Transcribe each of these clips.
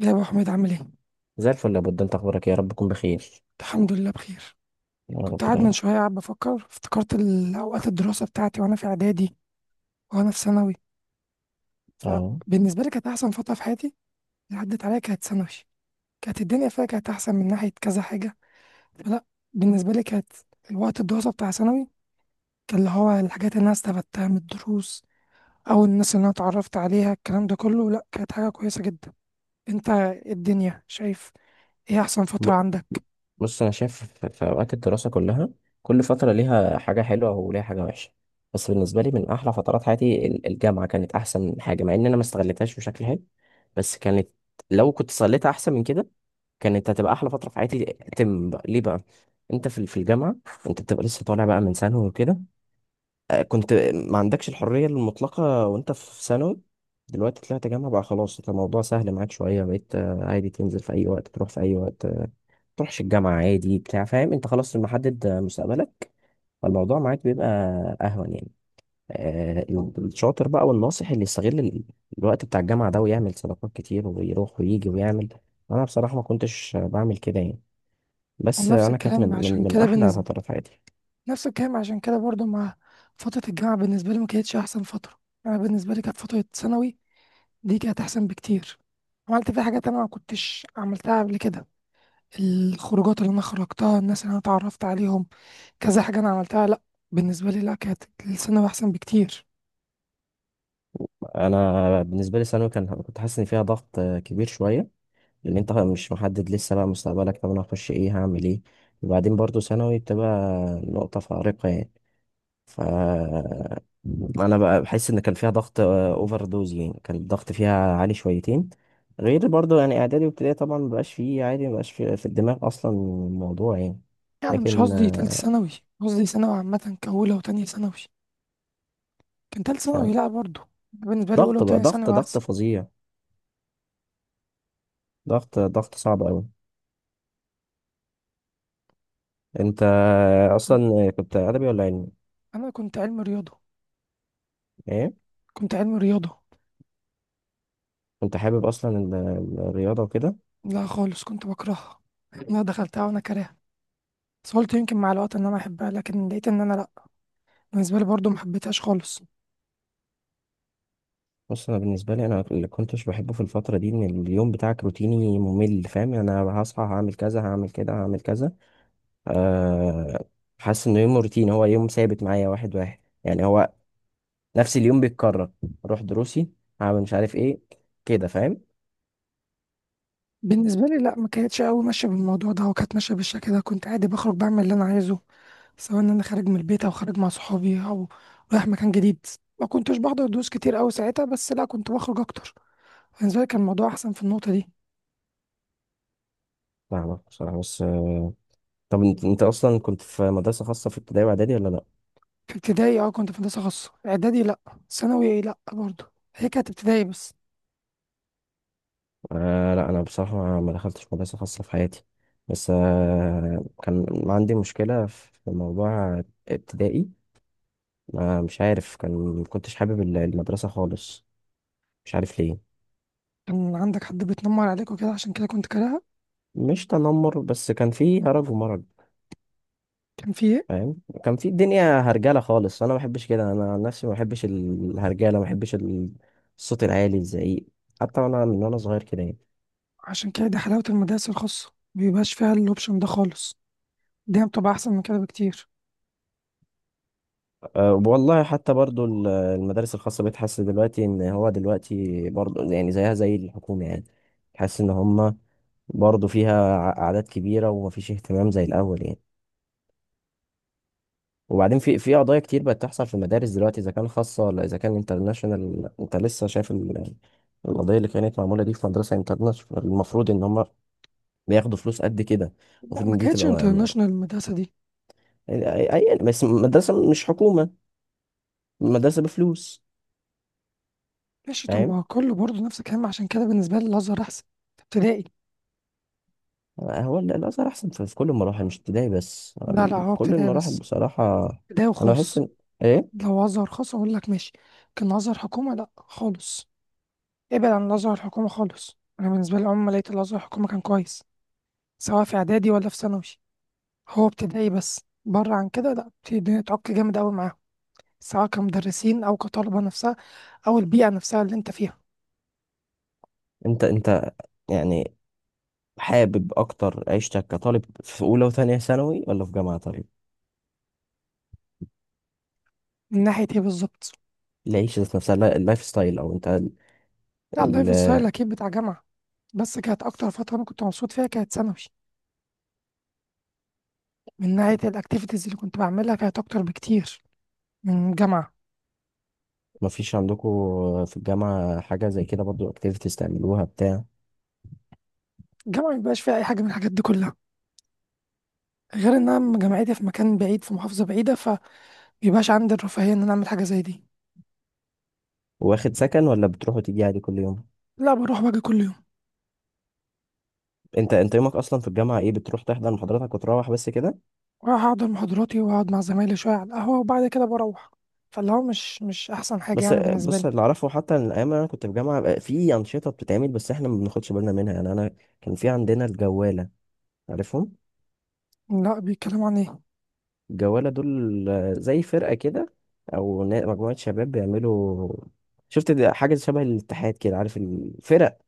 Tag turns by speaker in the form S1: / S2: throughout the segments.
S1: يا ابو حميد، عامل ايه؟
S2: زي الفل يا بود، انت اخبارك إيه؟ يا رب تكون بخير.
S1: الحمد لله بخير.
S2: يا رب
S1: كنت قاعد
S2: دايما.
S1: من شويه قاعد بفكر، افتكرت اوقات الدراسه بتاعتي وانا في اعدادي وانا في ثانوي.
S2: اه.
S1: فبالنسبه لي، كانت احسن فتره في حياتي اللي عدت عليا كانت ثانوي. كانت الدنيا فيها، كانت احسن من ناحيه كذا حاجه. فلا، بالنسبه لي كانت الوقت الدراسه بتاع ثانوي، كان اللي هو الحاجات اللي انا استفدتها من الدروس او الناس اللي انا اتعرفت عليها، الكلام ده كله، لا كانت حاجه كويسه جدا. انت الدنيا شايف، ايه احسن
S2: ب-
S1: فتره عندك؟
S2: بص، انا شايف في اوقات الدراسه كلها. كل فتره ليها حاجه حلوه وليها حاجه وحشه. بس بالنسبه لي، من احلى فترات حياتي الجامعه كانت احسن حاجه، مع ان انا ما استغلتهاش بشكل حلو. بس كانت، لو كنت صليتها احسن من كده، كانت هتبقى احلى فتره في حياتي. تم بقى. ليه بقى؟ انت في في الجامعه، انت بتبقى لسه طالع بقى من ثانوي وكده. كنت ما عندكش الحرية المطلقة وانت في ثانوي. دلوقتي طلعت جامعة بقى، خلاص، انت الموضوع سهل معاك شوية. بقيت عادي تنزل في أي وقت، تروح في أي وقت، تروحش الجامعة عادي، بتاع، فاهم؟ انت خلاص محدد مستقبلك. فالموضوع معاك بيبقى أهون يعني. الشاطر بقى والناصح اللي يستغل الوقت بتاع الجامعة ده ويعمل صداقات كتير ويروح ويجي ويعمل. أنا بصراحة ما كنتش بعمل كده يعني. بس
S1: ونفس
S2: أنا كانت من
S1: الكلام عشان كده
S2: أحلى
S1: بالنسبه،
S2: فترات حياتي.
S1: نفس الكلام عشان كده برضو مع فترة الجامعة، بالنسبة لي ما كانتش أحسن فترة. أنا بالنسبة لي كانت فترة ثانوي دي، كانت أحسن بكتير. عملت فيها حاجات أنا ما كنتش عملتها قبل كده، الخروجات اللي أنا خرجتها، الناس اللي أنا اتعرفت عليهم، كذا حاجة أنا عملتها. لأ بالنسبة لي، لأ كانت الثانوي أحسن بكتير.
S2: أنا بالنسبة لي ثانوي كان، كنت حاسس إن فيها ضغط كبير شوية، لان انت مش محدد لسه بقى مستقبلك. طب انا هخش ايه؟ هعمل ايه؟ وبعدين برضو ثانوي بتبقى نقطة فارقة يعني. ف انا بقى بحس ان كان فيها ضغط اوفر دوز يعني، كان الضغط فيها عالي شويتين. غير برضو يعني اعدادي وابتدائي طبعا مبقاش فيه عادي، مبقاش في الدماغ اصلا الموضوع يعني.
S1: يعني مش
S2: لكن
S1: قصدي تالتة ثانوي، قصدي ثانوي عامة كأولى وتانية ثانوي. كان تالتة
S2: ف
S1: ثانوي لأ برضو. بالنسبة لي أولى
S2: ضغط بقى،
S1: وتانية
S2: ضغط
S1: ثانوي
S2: ضغط
S1: أحسن.
S2: فظيع، ضغط ضغط صعب قوي. انت اصلا كنت ادبي ولا علمي؟
S1: أنا كنت علم رياضة.
S2: ايه؟
S1: كنت علم رياضة.
S2: كنت حابب اصلا الرياضة وكده؟
S1: لا خالص، كنت بكرهها. انا دخلتها وانا كارهها، بس قلت يمكن مع الوقت ان انا احبها، لكن لقيت ان انا لا. بالنسبه لي برضو ما حبيتهاش خالص.
S2: بص، انا بالنسبه لي، انا اللي كنتش بحبه في الفتره دي ان اليوم بتاعك روتيني ممل. فاهم يعني؟ انا هصحى هعمل كذا، هعمل كده، هعمل كذا. أه. حاسس انه يوم روتيني، هو يوم ثابت معايا واحد واحد يعني، هو نفس اليوم بيتكرر. اروح دروسي، هعمل مش عارف ايه، كده. فاهم؟
S1: بالنسبه لي لا، ما كانتش قوي ماشيه بالموضوع ده، وكانت ماشيه بالشكل ده. كنت عادي بخرج، بعمل اللي انا عايزه، سواء ان انا خارج من البيت او خارج مع صحابي او رايح مكان جديد. ما كنتش بحضر دروس كتير قوي ساعتها، بس لا كنت بخرج اكتر. بالنسبه لي كان الموضوع احسن في النقطه دي.
S2: فاهمك بصراحه. بس طب انت، اصلا كنت في مدرسه خاصه في ابتدائي واعدادي ولا لا؟
S1: في ابتدائي اه، كنت في هندسه خاصه. اعدادي لا. ثانوي لا برضو. هي كانت ابتدائي بس.
S2: أه. لا، انا بصراحه ما دخلتش مدرسه خاصه في حياتي. بس كان عندي مشكله في موضوع ابتدائي. ما مش عارف، كان ما كنتش حابب المدرسة خالص. مش عارف ليه.
S1: كان عندك حد بيتنمر عليك وكده، عشان كده كنت كارهها؟
S2: مش تنمر، بس كان في هرج ومرج.
S1: كان في إيه؟
S2: فاهم؟ كان في الدنيا هرجلة خالص. انا ما بحبش كده، انا عن نفسي ما بحبش الهرجلة، ما بحبش الصوت العالي، الزعيق. حتى وانا، من وانا صغير كده يعني.
S1: عشان كده دي حلاوة المدارس الخاصة، مبيبقاش فيها الأوبشن ده خالص. دي بتبقى أحسن من كده بكتير.
S2: أه والله، حتى برضو المدارس الخاصة بقيت حاسس دلوقتي ان هو دلوقتي برضو يعني زيها زي الحكومة يعني. حاسس ان هما برضو فيها اعداد كبيرة، ومفيش اهتمام زي الاول يعني. وبعدين في قضايا كتير بقت تحصل في المدارس دلوقتي، اذا كان خاصه ولا اذا كان انترناشونال. انت لسه شايف القضيه اللي كانت معموله دي في مدرسه انترناشونال. المفروض ان هم بياخدوا فلوس قد كده،
S1: لا،
S2: المفروض
S1: ما
S2: ان دي
S1: كانتش
S2: تبقى، ما ما
S1: انترناشونال المدرسة دي.
S2: يعني، بس مدرسه مش حكومه، مدرسه بفلوس.
S1: ماشي، طب ما
S2: فاهم؟
S1: هو كله برضه نفس الكلام. عشان كده بالنسبة لي الأزهر أحسن. ابتدائي.
S2: هو الازهر احسن في كل المراحل، مش ابتدائي بس،
S1: لا لا، هو
S2: كل
S1: ابتدائي
S2: المراحل
S1: بس.
S2: بصراحه.
S1: ابتدائي
S2: انا بحس
S1: وخاص.
S2: ان، ايه؟
S1: لو أزهر خاص أقول لك ماشي، لكن أزهر حكومة لا خالص. ابعد عن الأزهر الحكومة خالص. أنا بالنسبة لي عمري ما لقيت الأزهر الحكومة كان كويس، سواء في إعدادي ولا في ثانوي. هو ابتدائي بس، بره عن كده لا بتبتدي تعك جامد أوي معاهم، سواء كمدرسين أو كطلبة نفسها، أو البيئة نفسها اللي أنت فيها.
S2: انت يعني حابب اكتر عيشتك كطالب في اولى وثانيه ثانوي، ولا في جامعه؟ طيب،
S1: من ناحية إيه بالظبط؟
S2: العيشة ذات نفسها، اللايف ستايل، او انت.
S1: لا،
S2: ال-
S1: اللايف ستايل أكيد بتاع جامعة. بس كانت أكتر فترة أنا كنت مبسوط فيها كانت ثانوي. من ناحية الأكتيفيتيز اللي كنت بعملها، كانت أكتر بكتير من جامعة.
S2: مفيش عندكم في الجامعة حاجة زي كده برضو، اكتيفيتيز تعملوها، بتاع؟
S1: الجامعة مبيبقاش فيها أي حاجة من الحاجات دي كلها. غير إن أنا جامعتي في مكان بعيد، في محافظة بعيدة، فمبيبقاش عندي الرفاهية إن أنا أعمل حاجة زي دي.
S2: واخد سكن ولا بتروح وتيجي عادي كل يوم؟
S1: لا، بروح باجي كل يوم.
S2: انت يومك اصلا في الجامعة ايه؟ بتروح تحضر محاضراتك وتروح بس كده؟
S1: وأروح أحضر محاضراتي وأقعد مع زمايلي شوية على القهوة، وبعد كده بروح. فاللي هو مش أحسن حاجة
S2: بس
S1: يعني بالنسبة
S2: بص،
S1: لي.
S2: اللي اعرفه حتى ان الايام اللي انا كنت في الجامعة بقى في انشطة بتتعمل، بس احنا ما بناخدش بالنا منها يعني. انا كان في عندنا الجوالة، عارفهم؟
S1: لا، بيتكلموا عن إيه؟
S2: الجوالة دول زي فرقة كده، او مجموعة شباب بيعملوا. شفت ده؟ حاجة شبه الاتحاد كده، عارف الفرق.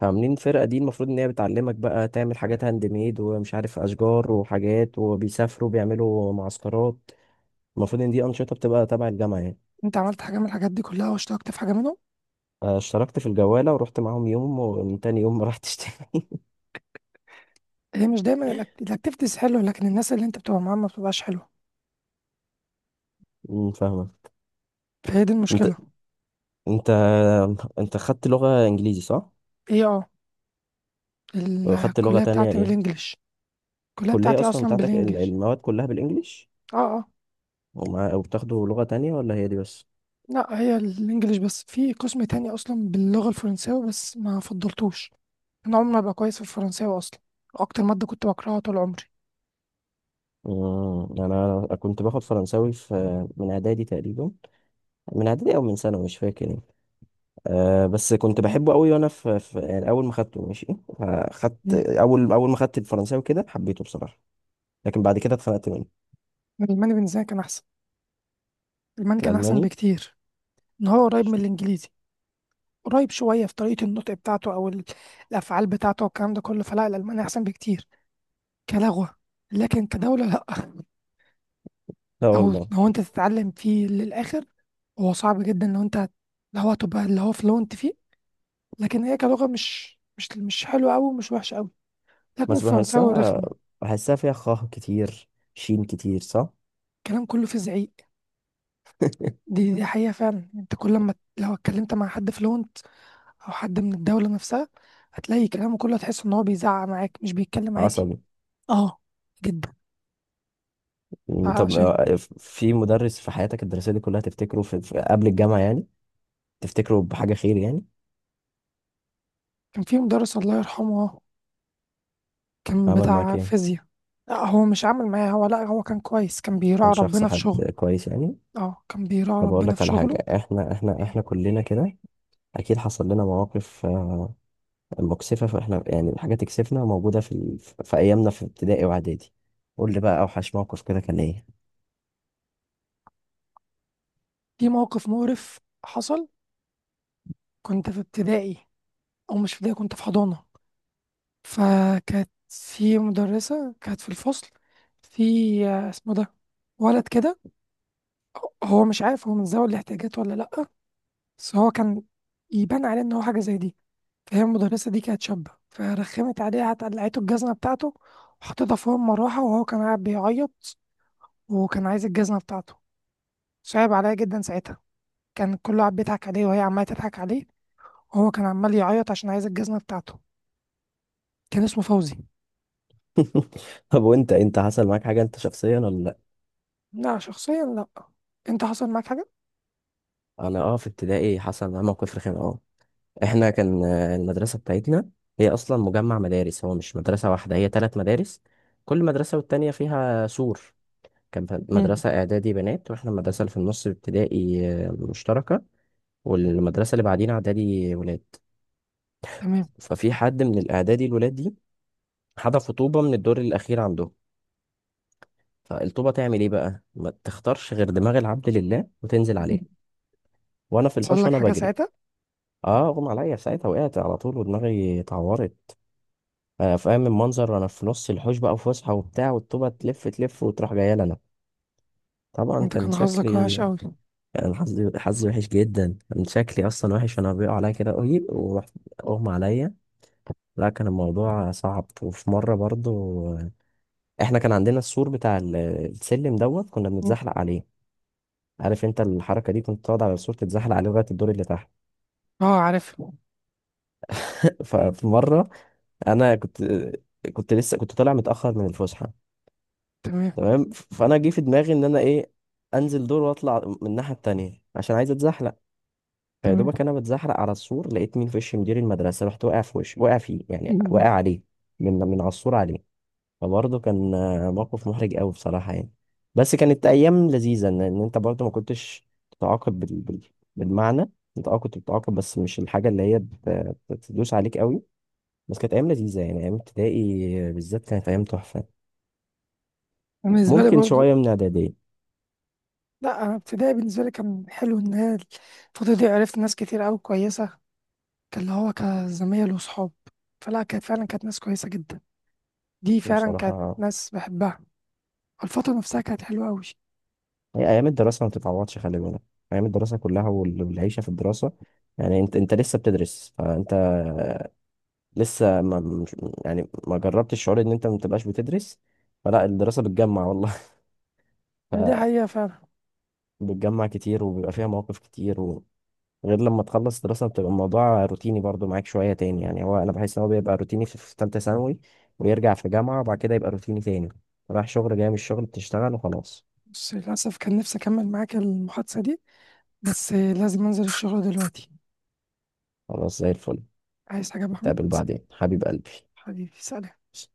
S2: فعاملين فرقة دي المفروض إن هي بتعلمك بقى تعمل حاجات هاند ميد، ومش عارف أشجار وحاجات، وبيسافروا بيعملوا معسكرات. المفروض إن دي أنشطة بتبقى تبع الجامعة يعني.
S1: انت عملت حاجه من الحاجات دي كلها، واشتركت في حاجه منهم؟
S2: اشتركت في الجوالة ورحت معاهم يوم، ومن تاني يوم ما رحتش تاني.
S1: هي مش دايما الاكتيفيتيز حلوه، لكن الناس اللي انت بتبقى معاهم ما بتبقاش حلوه.
S2: فاهمة.
S1: فهي دي
S2: أنت،
S1: المشكله.
S2: أنت أنت خدت لغة إنجليزي، صح؟
S1: ايه اه،
S2: وخدت لغة
S1: الكليه
S2: تانية
S1: بتاعتي
S2: إيه؟
S1: بالانجلش. الكليه
S2: الكلية
S1: بتاعتي
S2: أصلا
S1: اصلا
S2: بتاعتك
S1: بالانجلش.
S2: المواد كلها بالإنجليش؟
S1: اه اه.
S2: ومع، وبتاخدوا لغة تانية ولا هي دي بس؟
S1: لا، هي الانجليش بس. في قسم تاني اصلا باللغه الفرنساوي، بس ما فضلتوش. انا عمري ما ابقى كويس في الفرنساوي اصلا. اكتر ماده كنت بكرهها طول عمري.
S2: أنا كنت باخد فرنساوي في، من إعدادي تقريبا، من إعدادي أو من ثانوي مش فاكر يعني. آه، بس كنت بحبه قوي وانا في يعني اول ما خدته ماشي. خدت
S1: مم.
S2: اول، ما خدت الفرنساوي كده حبيته بصراحه. لكن بعد كده اتخنقت منه.
S1: الالماني بالنسبه لي كان احسن. الالماني كان احسن
S2: الالماني.
S1: بكتير. ان هو قريب من الانجليزي، قريب شوية في طريقة النطق بتاعته أو الأفعال بتاعته والكلام ده كله. فلا، الألماني أحسن بكتير كلغة، لكن كدولة لأ.
S2: لا
S1: أو
S2: والله.
S1: لو أنت تتعلم فيه للآخر. هو صعب جدا، لو هتبقى اللي هو فلونت فيه. لكن هي كلغة مش حلوة أوي ومش وحشة أوي. لكن
S2: بس
S1: الفرنساوي
S2: بحسها،
S1: رخمة.
S2: بحسها فيها خاه كتير، شين كتير، صح.
S1: الكلام كله فيه زعيق. دي حقيقة فعلا. أنت كل ما لو اتكلمت مع حد فلونت أو حد من الدولة نفسها، هتلاقي كلامه كله، هتحس إن هو بيزعق معاك مش بيتكلم عادي.
S2: عصبي.
S1: أه، جدا.
S2: طب
S1: عشان
S2: في مدرس في حياتك الدراسيه دي كلها تفتكره قبل الجامعه يعني، تفتكره بحاجه خير يعني؟
S1: كان في مدرس الله يرحمه، كان
S2: عمل معاك
S1: بتاع
S2: ايه؟
S1: فيزياء. لا، هو مش عامل معايا، هو لا، هو كان كويس، كان
S2: كان
S1: بيراعي
S2: شخص
S1: ربنا في شغله.
S2: حد كويس يعني؟
S1: اه، كان بيراعي
S2: طب اقول
S1: ربنا
S2: لك
S1: في
S2: على حاجه.
S1: شغله.
S2: احنا احنا
S1: إيه.
S2: احنا كلنا كده، اكيد حصل لنا مواقف مكسفة، فاحنا يعني، الحاجة تكسفنا موجودة في أيامنا في ابتدائي وإعدادي. قول لي بقى، أوحش موقف كده كان إيه؟
S1: في موقف مقرف حصل. كنت في ابتدائي، او مش في ابتدائي، كنت في حضانة. فكانت في مدرسة، كانت في الفصل، في اسمه ده، ولد كده. هو مش عارف، هو من ذوي الاحتياجات ولا لأ، بس هو كان يبان عليه ان هو حاجة زي دي. فهي المدرسة دي كانت شابة، فرخمت عليه، قعدت قلعته الجزمة بتاعته وحطيتها فوق المروحة، وهو كان قاعد بيعيط وكان عايز الجزمة بتاعته. صعب عليا جدا ساعتها. كان كله قاعد بيضحك عليه وهي عمالة تضحك عليه، وهو كان عمال يعيط عشان عايز الجزمة بتاعته. كان اسمه فوزي.
S2: طب وأنت، حصل معاك حاجة أنت شخصيا ولا لأ؟
S1: لا، شخصيا لا. انت حصل معاك حاجة؟
S2: أنا في ابتدائي حصل معايا موقف رخم أه. إحنا كان المدرسة بتاعتنا هي أصلا مجمع مدارس، هو مش مدرسة واحدة، هي تلات مدارس، كل مدرسة والتانية فيها سور. كان
S1: مم.
S2: مدرسة إعدادي بنات، وإحنا المدرسة اللي في النص ابتدائي مشتركة، والمدرسة اللي بعدين إعدادي ولاد.
S1: تمام.
S2: ففي حد من الإعدادي الولاد دي حذفوا طوبة من الدور الأخير عندهم. فالطوبة تعمل إيه بقى؟ ما تختارش غير دماغ العبد لله وتنزل عليه وأنا في
S1: حصل
S2: الحوش
S1: لك
S2: وأنا
S1: حاجة
S2: بجري.
S1: ساعتها؟
S2: أه، أغمى عليا في ساعتها، وقعت على طول ودماغي اتعورت. فاهم المنظر؟ وأنا في نص الحوش بقى وفسحة وبتاع، والطوبة تلف تلف وتروح جاية لنا. طبعا
S1: انت
S2: كان
S1: كان حظك
S2: شكلي،
S1: وحش قوي.
S2: كان حظي، حظي وحش جدا، كان شكلي أصلا وحش وأنا بيقع عليا كده قوي ورحت أغمى عليا. لا كان الموضوع صعب. وفي مرة برضو آه، احنا كان عندنا السور بتاع السلم دوت، كنا بنتزحلق عليه. عارف انت الحركه دي؟ كنت تقعد على السور تتزحلق عليه لغايه الدور اللي تحت.
S1: اه، عارف.
S2: ففي مره انا كنت، كنت لسه كنت طالع متاخر من الفسحه.
S1: تمام.
S2: تمام. فانا جه في دماغي ان انا ايه، انزل دور واطلع من الناحيه التانيه عشان عايز اتزحلق. فيا
S1: تمام.
S2: دوبك انا بتزحلق على السور، لقيت مين في وش مدير المدرسه، رحت واقع في وش، واقع فيه يعني، واقع عليه من على السور عليه. فبرضه كان موقف محرج قوي بصراحة يعني. بس كانت أيام لذيذة، إن أنت برضه ما كنتش بتتعاقب بالمعنى. أنت كنت بتتعاقب بس مش الحاجة اللي هي بتدوس عليك قوي. بس كانت أيام لذيذة يعني، أيام ابتدائي بالذات كانت أيام تحفة،
S1: بالنسبة لي
S2: ممكن
S1: برضو.
S2: شوية من إعدادية.
S1: لا انا ابتدائي بالنسبه لي كان حلو. ان هي الفتره دي عرفت ناس كتير قوي كويسه، كان اللي هو كزمايل وصحاب. فلا، كانت فعلا كانت ناس كويسه جدا، دي فعلا كانت
S2: بصراحة
S1: ناس بحبها. الفتره نفسها كانت حلوه قوي.
S2: هي أيام الدراسة ما بتتعوضش، خلي بالك. أيام الدراسة كلها، والعيشة في الدراسة يعني. أنت، لسه بتدرس، فأنت لسه ما مش- يعني ما جربتش الشعور إن أنت ما بتبقاش بتدرس. فلا الدراسة بتجمع والله،
S1: دي حقيقه فعلا.
S2: بتجمع كتير، وبيبقى فيها مواقف كتير و... غير لما تخلص دراسة بتبقى الموضوع روتيني برضو معاك شوية تاني يعني. هو أنا بحس إن هو بيبقى روتيني في تالتة ثانوي، ويرجع في جامعة، وبعد كده يبقى روتيني تاني. رايح شغل، جاي من الشغل، بتشتغل وخلاص.
S1: بس للاسف كان نفسي اكمل معاك المحادثه دي، بس لازم انزل الشغل دلوقتي.
S2: خلاص زي الفل.
S1: عايز حاجه يا محمد؟
S2: نتقابل بعدين حبيب قلبي.
S1: حبيبي، سلام.
S2: س-